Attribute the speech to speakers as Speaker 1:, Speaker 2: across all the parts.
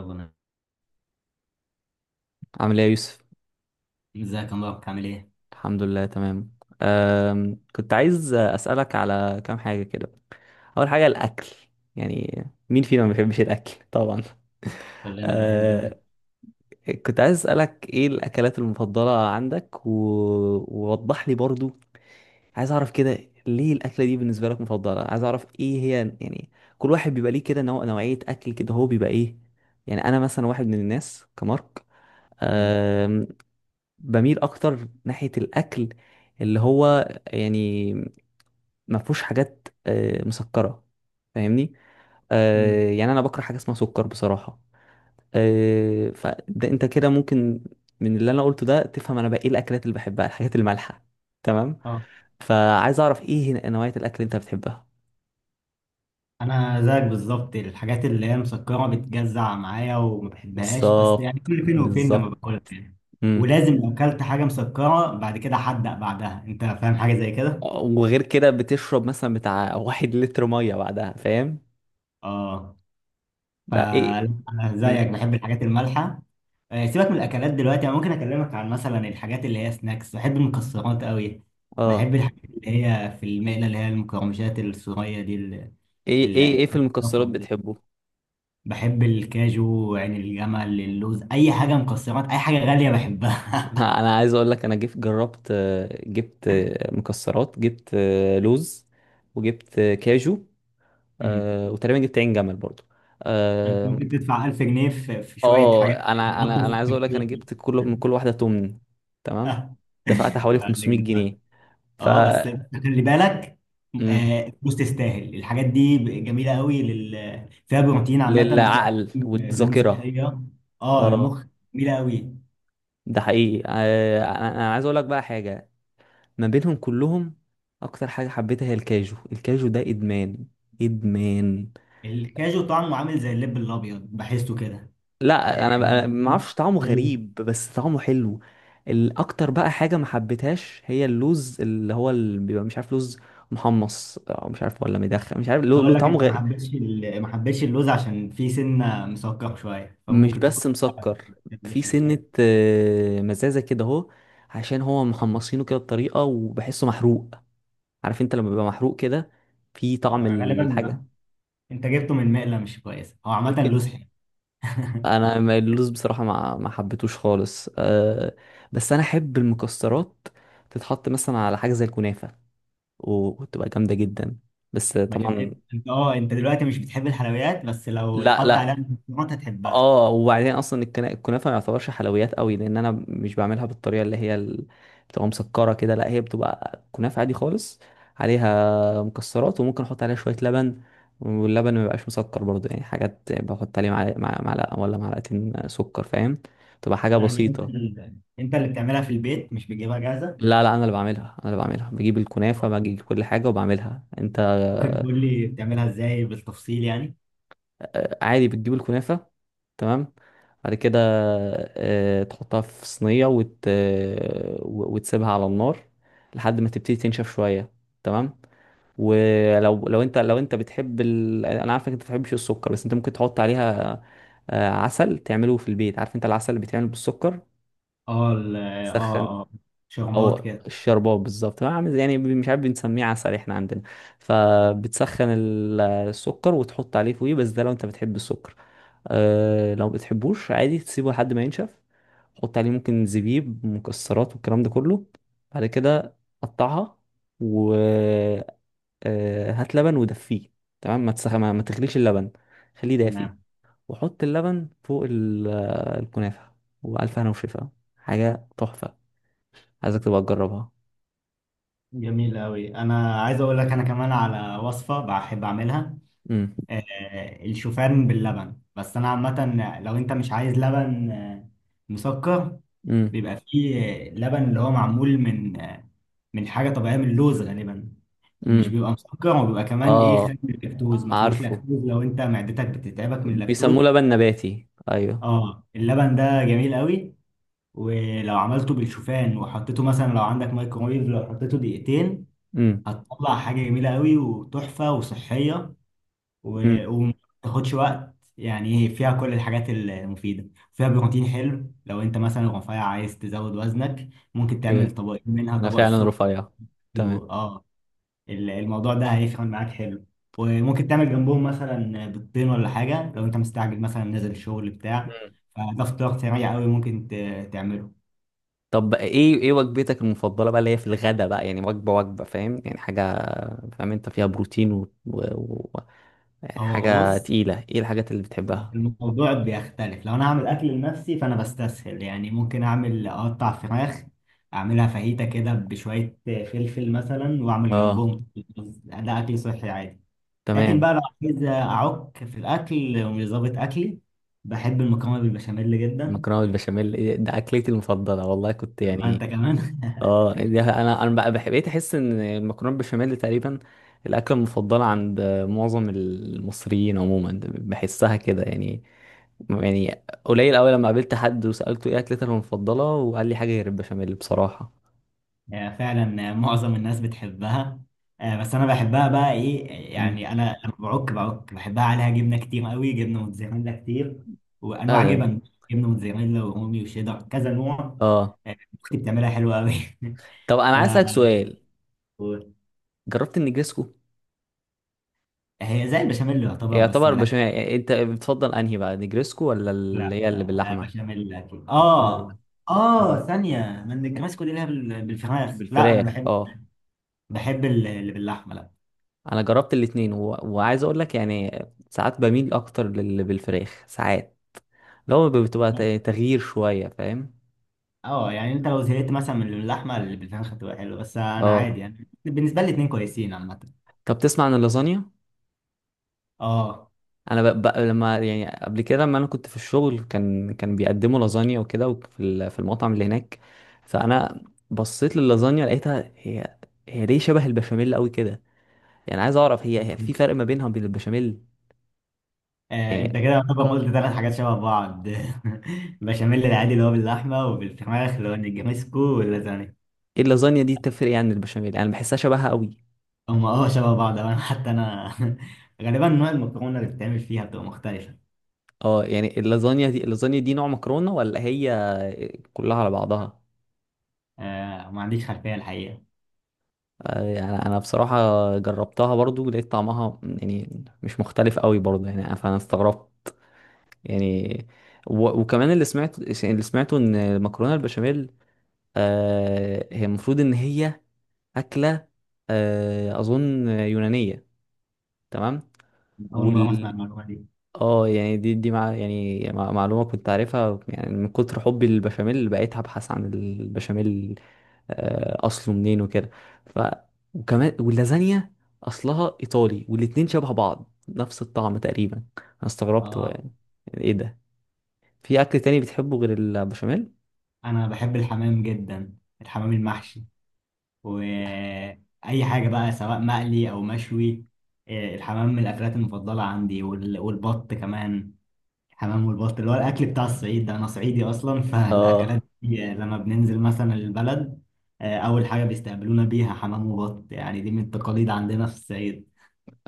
Speaker 1: ربنا.
Speaker 2: عامل ايه يا يوسف؟
Speaker 1: ازيك يا مبارك، عامل ايه؟
Speaker 2: الحمد لله، تمام. كنت عايز اسالك على كام حاجه كده. اول حاجه، الاكل. يعني مين فينا ما بيحبش الاكل؟ طبعا.
Speaker 1: كلنا بنحب الله.
Speaker 2: أه كنت عايز اسالك، ايه الاكلات المفضله عندك؟ ووضح لي برضو، عايز اعرف كده، ليه الاكله دي بالنسبه لك مفضله، عايز اعرف ايه هي يعني. كل واحد بيبقى ليه كده نوع، نوعيه اكل كده، هو بيبقى ايه؟ يعني انا مثلا واحد من الناس، كمارك،
Speaker 1: مم.
Speaker 2: بميل اكتر ناحية الاكل اللي هو يعني ما فيهوش حاجات مسكرة. فاهمني؟
Speaker 1: مم.
Speaker 2: يعني انا بكره حاجة اسمها سكر بصراحة. فده انت كده ممكن من اللي انا قلته ده تفهم انا بقى ايه الاكلات اللي بحبها، الحاجات المالحة. تمام.
Speaker 1: اه،
Speaker 2: فعايز اعرف، ايه نوعية الاكل اللي انت بتحبها؟
Speaker 1: انا زيك بالظبط، الحاجات اللي هي مسكره بتجزع معايا وما بحبهاش، بس يعني
Speaker 2: بالظبط،
Speaker 1: كل فين وفين لما
Speaker 2: بالظبط.
Speaker 1: باكلها يعني.
Speaker 2: امم
Speaker 1: ولازم لو اكلت حاجه مسكره بعد كده حدق بعدها. انت فاهم حاجه زي كده؟
Speaker 2: وغير كده بتشرب مثلا بتاع واحد لتر مية بعدها، فاهم؟
Speaker 1: اه،
Speaker 2: بقى ايه.
Speaker 1: فأنا
Speaker 2: مم.
Speaker 1: زيك بحب الحاجات المالحة. سيبك من الأكلات دلوقتي، أنا ممكن أكلمك عن مثلا الحاجات اللي هي سناكس. بحب المكسرات قوي.
Speaker 2: اه.
Speaker 1: بحب الحاجات اللي هي في المقلة، اللي هي المقرمشات الصغيرة دي،
Speaker 2: ايه ايه
Speaker 1: ال-
Speaker 2: ايه، في المكسرات
Speaker 1: الرفع دي.
Speaker 2: بتحبه؟
Speaker 1: بحب الكاجو، عين الجمل، اللوز، أي حاجة مكسرات، أي حاجة غالية بحبها.
Speaker 2: انا عايز اقول لك، انا جربت، جبت مكسرات، جبت لوز، وجبت كاجو.
Speaker 1: أمم.
Speaker 2: وتقريبا جبت عين جمل برضو.
Speaker 1: أنت
Speaker 2: اه.
Speaker 1: ممكن تدفع 1000 جنيه في شوية حاجات
Speaker 2: انا
Speaker 1: يتحطوا
Speaker 2: انا
Speaker 1: في
Speaker 2: انا عايز اقول لك،
Speaker 1: الكافيه
Speaker 2: انا
Speaker 1: دي.
Speaker 2: جبت كل من كل واحده تمن. تمام.
Speaker 1: آه،
Speaker 2: دفعت حوالي
Speaker 1: عندك،
Speaker 2: 500
Speaker 1: دفعت.
Speaker 2: جنيه ف.
Speaker 1: اه بس، خلي بالك.
Speaker 2: مم.
Speaker 1: الفلوس تستاهل، الحاجات دي جميله قوي، فيها بروتين عامه، وفيها
Speaker 2: للعقل
Speaker 1: دهون
Speaker 2: والذاكره.
Speaker 1: صحيه. اه،
Speaker 2: اه.
Speaker 1: المخ، جميله قوي.
Speaker 2: ده حقيقي، انا عايز اقول لك بقى حاجه، ما بينهم كلهم، اكتر حاجه حبيتها هي الكاجو، الكاجو ده ادمان، ادمان.
Speaker 1: الكاجو طعمه عامل زي اللب الابيض، بحسه كده.
Speaker 2: لا، انا
Speaker 1: يعني
Speaker 2: أنا ما اعرفش، طعمه
Speaker 1: الكاجو-
Speaker 2: غريب بس طعمه حلو. الاكتر بقى حاجه ما حبيتهاش هي اللوز، اللي هو اللي بيبقى مش عارف، لوز محمص او مش عارف ولا مدخن مش عارف، له
Speaker 1: اقول لك،
Speaker 2: طعمه
Speaker 1: انت
Speaker 2: غير.
Speaker 1: ما حبيتش اللوز عشان فيه سنه مسكر شويه،
Speaker 2: مش
Speaker 1: فممكن تكون
Speaker 2: بس مسكر،
Speaker 1: ما
Speaker 2: في
Speaker 1: بتحبش
Speaker 2: سنه
Speaker 1: الحاجات.
Speaker 2: مزازه كده، اهو. عشان هو محمصينه كده بطريقه، وبحسه محروق. عارف انت لما بيبقى محروق كده، في طعم الحاجه.
Speaker 1: غالبا انت جبته من مقله مش كويسه. هو عامه
Speaker 2: ممكن.
Speaker 1: اللوز حلو.
Speaker 2: انا اللوز بصراحه ما حبيتوش خالص، أه. بس انا احب المكسرات تتحط مثلا على حاجه زي الكنافه، وتبقى جامده جدا. بس
Speaker 1: مش
Speaker 2: طبعا.
Speaker 1: انت، اه، انت دلوقتي مش بتحب الحلويات، بس لو
Speaker 2: لا
Speaker 1: اتحط
Speaker 2: لا.
Speaker 1: عليها مكسرات هتحبها.
Speaker 2: اه، وبعدين اصلا الكنافه ما يعتبرش حلويات قوي، لان انا مش بعملها بالطريقه اللي هي بتبقى مسكره كده، لا هي بتبقى كنافه عادي خالص، عليها مكسرات، وممكن احط عليها شويه لبن. واللبن ما بيبقاش مسكر برضه، يعني حاجات بحط عليه معلقه، معلقه ولا معلقتين سكر، فاهم؟ تبقى حاجه
Speaker 1: يعني
Speaker 2: بسيطه.
Speaker 1: انت اللي بتعملها في البيت، مش بتجيبها جاهزه؟
Speaker 2: لا لا، انا اللي بعملها، انا اللي بعملها، بجيب الكنافه، بجيب كل حاجه وبعملها انت.
Speaker 1: ممكن تقول لي بتعملها ازاي بالتفصيل يعني؟
Speaker 2: عادي، بتجيب الكنافه، تمام. بعد كده تحطها في صينيه، وتسيبها على النار لحد ما تبتدي تنشف شويه. تمام. ولو لو انت لو انت بتحب انا عارفك انت ما بتحبش السكر، بس انت ممكن تحط عليها عسل، تعمله في البيت، عارف انت العسل اللي بيتعمل بالسكر
Speaker 1: اه
Speaker 2: سخن.
Speaker 1: اه، اه، شربات
Speaker 2: او
Speaker 1: كده.
Speaker 2: الشربات، بالظبط، عامل زي، يعني مش عارف، بنسميه عسل احنا عندنا. فبتسخن السكر وتحط عليه فوقيه، بس ده لو انت بتحب السكر. أه لو بتحبوش عادي تسيبه لحد ما ينشف، حط عليه ممكن زبيب، مكسرات، والكلام ده كله. بعد كده قطعها، وهات لبن ودفيه. تمام، ما تغليش اللبن، خليه دافي.
Speaker 1: تمام.
Speaker 2: وحط اللبن فوق الكنافة، وألف هنا وشفا، حاجة تحفة. عايزك تبقى تجربها.
Speaker 1: جميل قوي. انا عايز اقول لك: انا كمان على وصفه بحب اعملها.
Speaker 2: مم.
Speaker 1: الشوفان باللبن، بس انا عامه لو انت مش عايز لبن مسكر،
Speaker 2: امم
Speaker 1: بيبقى فيه لبن اللي هو معمول من حاجة طبيعية، من اللوز غالبا. مش بيبخ-
Speaker 2: امم
Speaker 1: بيبقى مسكر، وبيبقى كمان ايه،
Speaker 2: اه
Speaker 1: خالي من اللاكتوز،
Speaker 2: اه،
Speaker 1: ما فيهوش
Speaker 2: عارفه،
Speaker 1: لاكتوز لو انت معدتك بتتعبك من اللاكتوز.
Speaker 2: بيسموه لبن نباتي، ايوه.
Speaker 1: اه، اللبن ده جميل قوي. ولو عملته بالشوفان وحطيته، مثلا لو عندك مايكرويف، لو حطيته دقيقتين،
Speaker 2: امم.
Speaker 1: هتطلع حاجة جميلة قوي وتحفة وصحية،
Speaker 2: امم
Speaker 1: وما بتاخدش وقت يعني. ايه، فيها كل الحاجات المفيدة، فيها بروتين حلو، لو انت مثلا رفيع عايز تزود وزنك ممكن تعمل
Speaker 2: اوكي،
Speaker 1: طبقين منها،
Speaker 2: انا
Speaker 1: طبق
Speaker 2: فعلا
Speaker 1: الصبح
Speaker 2: رفيع. تمام.
Speaker 1: اه، الموضوع ده هيفرق معاك حلو. وممكن تعمل جنبهم مثلا بيضتين ولا حاجة، لو انت مستعجل مثلا نازل الشغل بتاع،
Speaker 2: مم.
Speaker 1: فده فطار سريع قوي ممكن تعمله.
Speaker 2: طب، ايه وجبتك المفضله بقى اللي هي في الغدا بقى؟ يعني وجبه، فاهم؟ يعني حاجه فاهم انت فيها بروتين يعني
Speaker 1: هو
Speaker 2: حاجه
Speaker 1: بص،
Speaker 2: تقيله، ايه الحاجات اللي بتحبها؟
Speaker 1: الموضوع بيختلف. لو انا هعمل اكل لنفسي، فانا بستسهل، يعني ممكن اعمل اقطع فراخ، اعملها فاهيتا كده بشوية فلفل مثلا، واعمل
Speaker 2: اه.
Speaker 1: جنبهم رز. ده اكل صحي عادي. لكن بقى
Speaker 2: تمام.
Speaker 1: لو عايز اعك في الاكل ومش ظابط اكلي، بحب المكرونة بالبشاميل جدا.
Speaker 2: مكرونه بالبشاميل؟ إيه ده، اكلتي المفضله والله، كنت
Speaker 1: طب
Speaker 2: يعني.
Speaker 1: انت كمان؟
Speaker 2: اه، دي انا بقى بقيت احس ان المكرونه بالبشاميل تقريبا الاكله المفضله عند معظم المصريين عموما، بحسها كده يعني. يعني قليل قوي لما قابلت حد وسالته ايه اكلتك المفضله، وقال لي حاجه غير البشاميل بصراحه.
Speaker 1: فعلا. معظم الناس بتحبها. بس انا بحبها بقى ايه،
Speaker 2: مم.
Speaker 1: يعني انا لما بعك بعك بحبها عليها جبنه كتير قوي، جبنه موتزاريلا كتير، وانواع
Speaker 2: اه.
Speaker 1: جبن، جبنه موتزاريلا ورومي وشيدر، كذا نوع.
Speaker 2: آه.
Speaker 1: آه، اختي بتعملها حلوه قوي.
Speaker 2: طب انا
Speaker 1: ف
Speaker 2: عايز اسالك سؤال، جربت النجريسكو؟
Speaker 1: هي زي البشاميل يعتبر، بس
Speaker 2: يعتبر
Speaker 1: ملهاش.
Speaker 2: بشاميل يعني، انت بتفضل انهي بقى، نجريسكو ولا اللي
Speaker 1: لا،
Speaker 2: هي اللي باللحمه؟
Speaker 1: بشاميل اكيد.
Speaker 2: لا، لا، لا.
Speaker 1: اه.
Speaker 2: مم.
Speaker 1: اه، ثانيه من الكريسكو دي اللي هي بالفراخ. لا، انا
Speaker 2: بالفراخ، فراخ،
Speaker 1: بحب
Speaker 2: اه.
Speaker 1: بحب ال- اللي باللحمه.
Speaker 2: انا جربت الاتنين، وعايز اقول لك يعني ساعات بميل اكتر للي بالفراخ، ساعات لو بتبقى
Speaker 1: لا،
Speaker 2: تغيير شويه، فاهم؟
Speaker 1: اه، يعني انت لو زهقت مثلا من اللحمه، البتنجان هتبقى حلوه، بس انا عادي،
Speaker 2: اه.
Speaker 1: يعني بالنسبه لي الاتنين كويسين عامه.
Speaker 2: طب تسمع عن اللازانيا؟
Speaker 1: اه،
Speaker 2: انا لما يعني قبل كده، لما انا كنت في الشغل، كان بيقدموا لازانيا وكده، وفي في المطعم اللي هناك، فانا بصيت للازانيا، لقيتها هي، ليه شبه البشاميل قوي كده، يعني عايز اعرف هي في فرق ما بينها وبين البشاميل؟
Speaker 1: انت
Speaker 2: يعني
Speaker 1: كده طبعا قلت ثلاث حاجات شبه بعض. بشاميل العادي اللي هو باللحمه، وبالفراخ اللي هو النجريسكو، واللازانيا.
Speaker 2: ايه اللازانيا دي؟ تفرق يعني عن البشاميل؟ يعني بحسها شبهها قوي.
Speaker 1: هم، اه، شبه بعض. أو انا، حتى انا غالبا نوع المكرونه اللي بتتعمل فيها بتبقى مختلفه.
Speaker 2: اه، يعني اللازانيا دي نوع مكرونة ولا هي كلها على بعضها؟
Speaker 1: ما عنديش خلفيه الحقيقه.
Speaker 2: يعني انا بصراحة جربتها برضو، لقيت طعمها يعني مش مختلف قوي برضو يعني، فانا استغربت يعني. وكمان اللي سمعته ان المكرونة البشاميل هي المفروض ان هي أكلة، اظن يونانية. تمام.
Speaker 1: اول مره اسمع
Speaker 2: وال.
Speaker 1: المعلومه دي.
Speaker 2: اه يعني دي مع يعني معلومة كنت عارفها، يعني من كتر حبي للبشاميل بقيت ابحث عن البشاميل، اصله منين وكده. ف. وكمان واللازانيا اصلها ايطالي، والاتنين شبه بعض، نفس الطعم تقريبا، انا استغربت هو
Speaker 1: اه،
Speaker 2: يعني، يعني ايه ده. في اكل تاني بتحبه غير البشاميل؟
Speaker 1: انا بحب الحمام جدا، الحمام المحشي، واي حاجه بقى سواء مقلي او مشوي. الحمام من الاكلات المفضله عندي، والبط كمان. الحمام والبط اللي هو الاكل بتاع الصعيد، ده انا صعيدي اصلا. فالاكلات
Speaker 2: اه.
Speaker 1: دي لما بننزل مثلا البلد، اول حاجه بيستقبلونا بيها حمام وبط. يعني دي من التقاليد عندنا في الصعيد.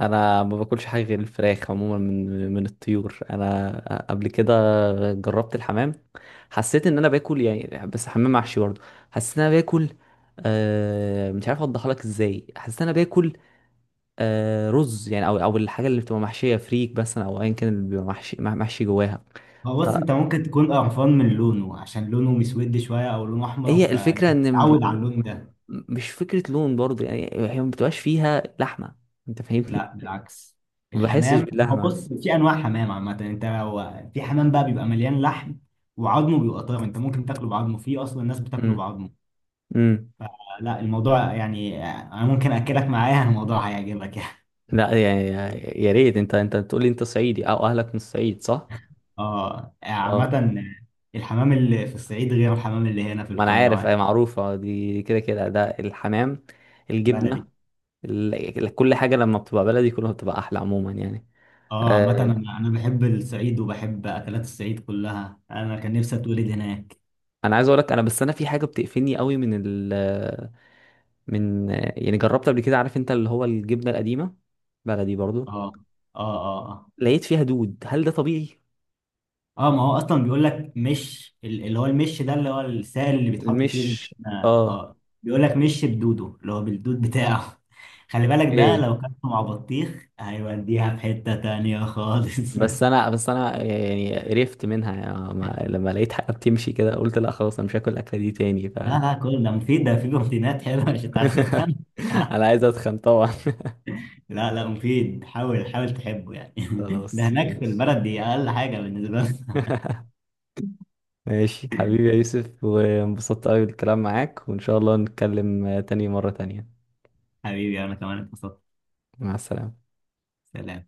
Speaker 2: انا ما باكلش حاجه غير الفراخ عموما، من الطيور، انا قبل كده جربت الحمام، حسيت ان انا باكل يعني بس حمام محشي برضه، حسيت ان انا باكل مش عارف اوضحها لك ازاي، حسيت ان انا باكل رز يعني، او الحاجه اللي بتبقى محشيه فريك مثلا، او ايا كان اللي بيبقى محشي محشي جواها.
Speaker 1: هو بص،
Speaker 2: فهي
Speaker 1: انت ممكن تكون قرفان من لونه، عشان لونه مسود شويه او لونه احمر،
Speaker 2: الفكره ان
Speaker 1: فتعود على اللون ده.
Speaker 2: مش فكره لون برضه، يعني هي ما بتبقاش فيها لحمه. انت فاهمني؟
Speaker 1: لا، بالعكس.
Speaker 2: ما بحسش
Speaker 1: الحمام، هو
Speaker 2: باللحمه.
Speaker 1: بص، في انواع حمام عامه. انت لو في حمام بقى بيبقى مليان لحم، وعظمه بيبقى طاير، انت ممكن تاكله بعظمه. في اصلا الناس بتاكله
Speaker 2: امم،
Speaker 1: بعظمه.
Speaker 2: امم.
Speaker 1: لا، الموضوع يعني، انا ممكن اكلك معايا، الموضوع هيعجبك يعني.
Speaker 2: لا يعني، يا ريت، انت بتقول لي انت صعيدي او اهلك من الصعيد، صح؟
Speaker 1: اه،
Speaker 2: اه.
Speaker 1: عامه الحمام اللي في الصعيد غير الحمام اللي هنا في
Speaker 2: ما انا
Speaker 1: القاهره
Speaker 2: عارف، اي
Speaker 1: يعني.
Speaker 2: معروفه، دي كده كده ده الحمام، الجبنه،
Speaker 1: بلدي.
Speaker 2: كل حاجه لما بتبقى بلدي كلها بتبقى احلى عموما، يعني.
Speaker 1: اه، عامه
Speaker 2: آه.
Speaker 1: انا بحب الصعيد وبحب اكلات الصعيد كلها. انا كان نفسي اتولد هناك.
Speaker 2: انا عايز اقول لك انا، بس انا في حاجه بتقفلني قوي من من، يعني جربت قبل كده، عارف انت اللي هو الجبنه القديمه، بلدي
Speaker 1: اه،
Speaker 2: برضو،
Speaker 1: اه، اه، آه.
Speaker 2: لقيت فيها دود، هل ده طبيعي؟
Speaker 1: اه، ما هو اصلا بيقول لك مش اللي هو المش ده، اللي هو السائل اللي بيتحط فيه
Speaker 2: مش،
Speaker 1: الجبنه.
Speaker 2: اه،
Speaker 1: اه، بيقول لك مش بدوده، اللي هو بالدود بتاعه. خلي بالك، ده
Speaker 2: ايه.
Speaker 1: لو كان مع بطيخ هيوديها في حته تانية خالص.
Speaker 2: بس انا يعني قرفت منها يعني، ما، لما لقيت حاجه بتمشي كده، قلت لا خلاص انا مش هاكل الاكله دي تاني، ف.
Speaker 1: لا، لا، كل ده مفيد، ده فيه بروتينات حلوه. مش انت عايز تتخن؟
Speaker 2: انا عايز اتخن طبعا.
Speaker 1: لا، لا، مفيد. حاول حاول تحبه يعني. ده
Speaker 2: خلاص،
Speaker 1: هناك في
Speaker 2: ماشي.
Speaker 1: البلد دي اقل حاجه بالنسبه لنا.
Speaker 2: ماشي حبيبي يا يوسف، وانبسطت قوي بالكلام معاك، وان شاء الله نتكلم مره تانيه.
Speaker 1: حبيبي، انا كمان اتبسطت.
Speaker 2: مع السلامه.
Speaker 1: سلام.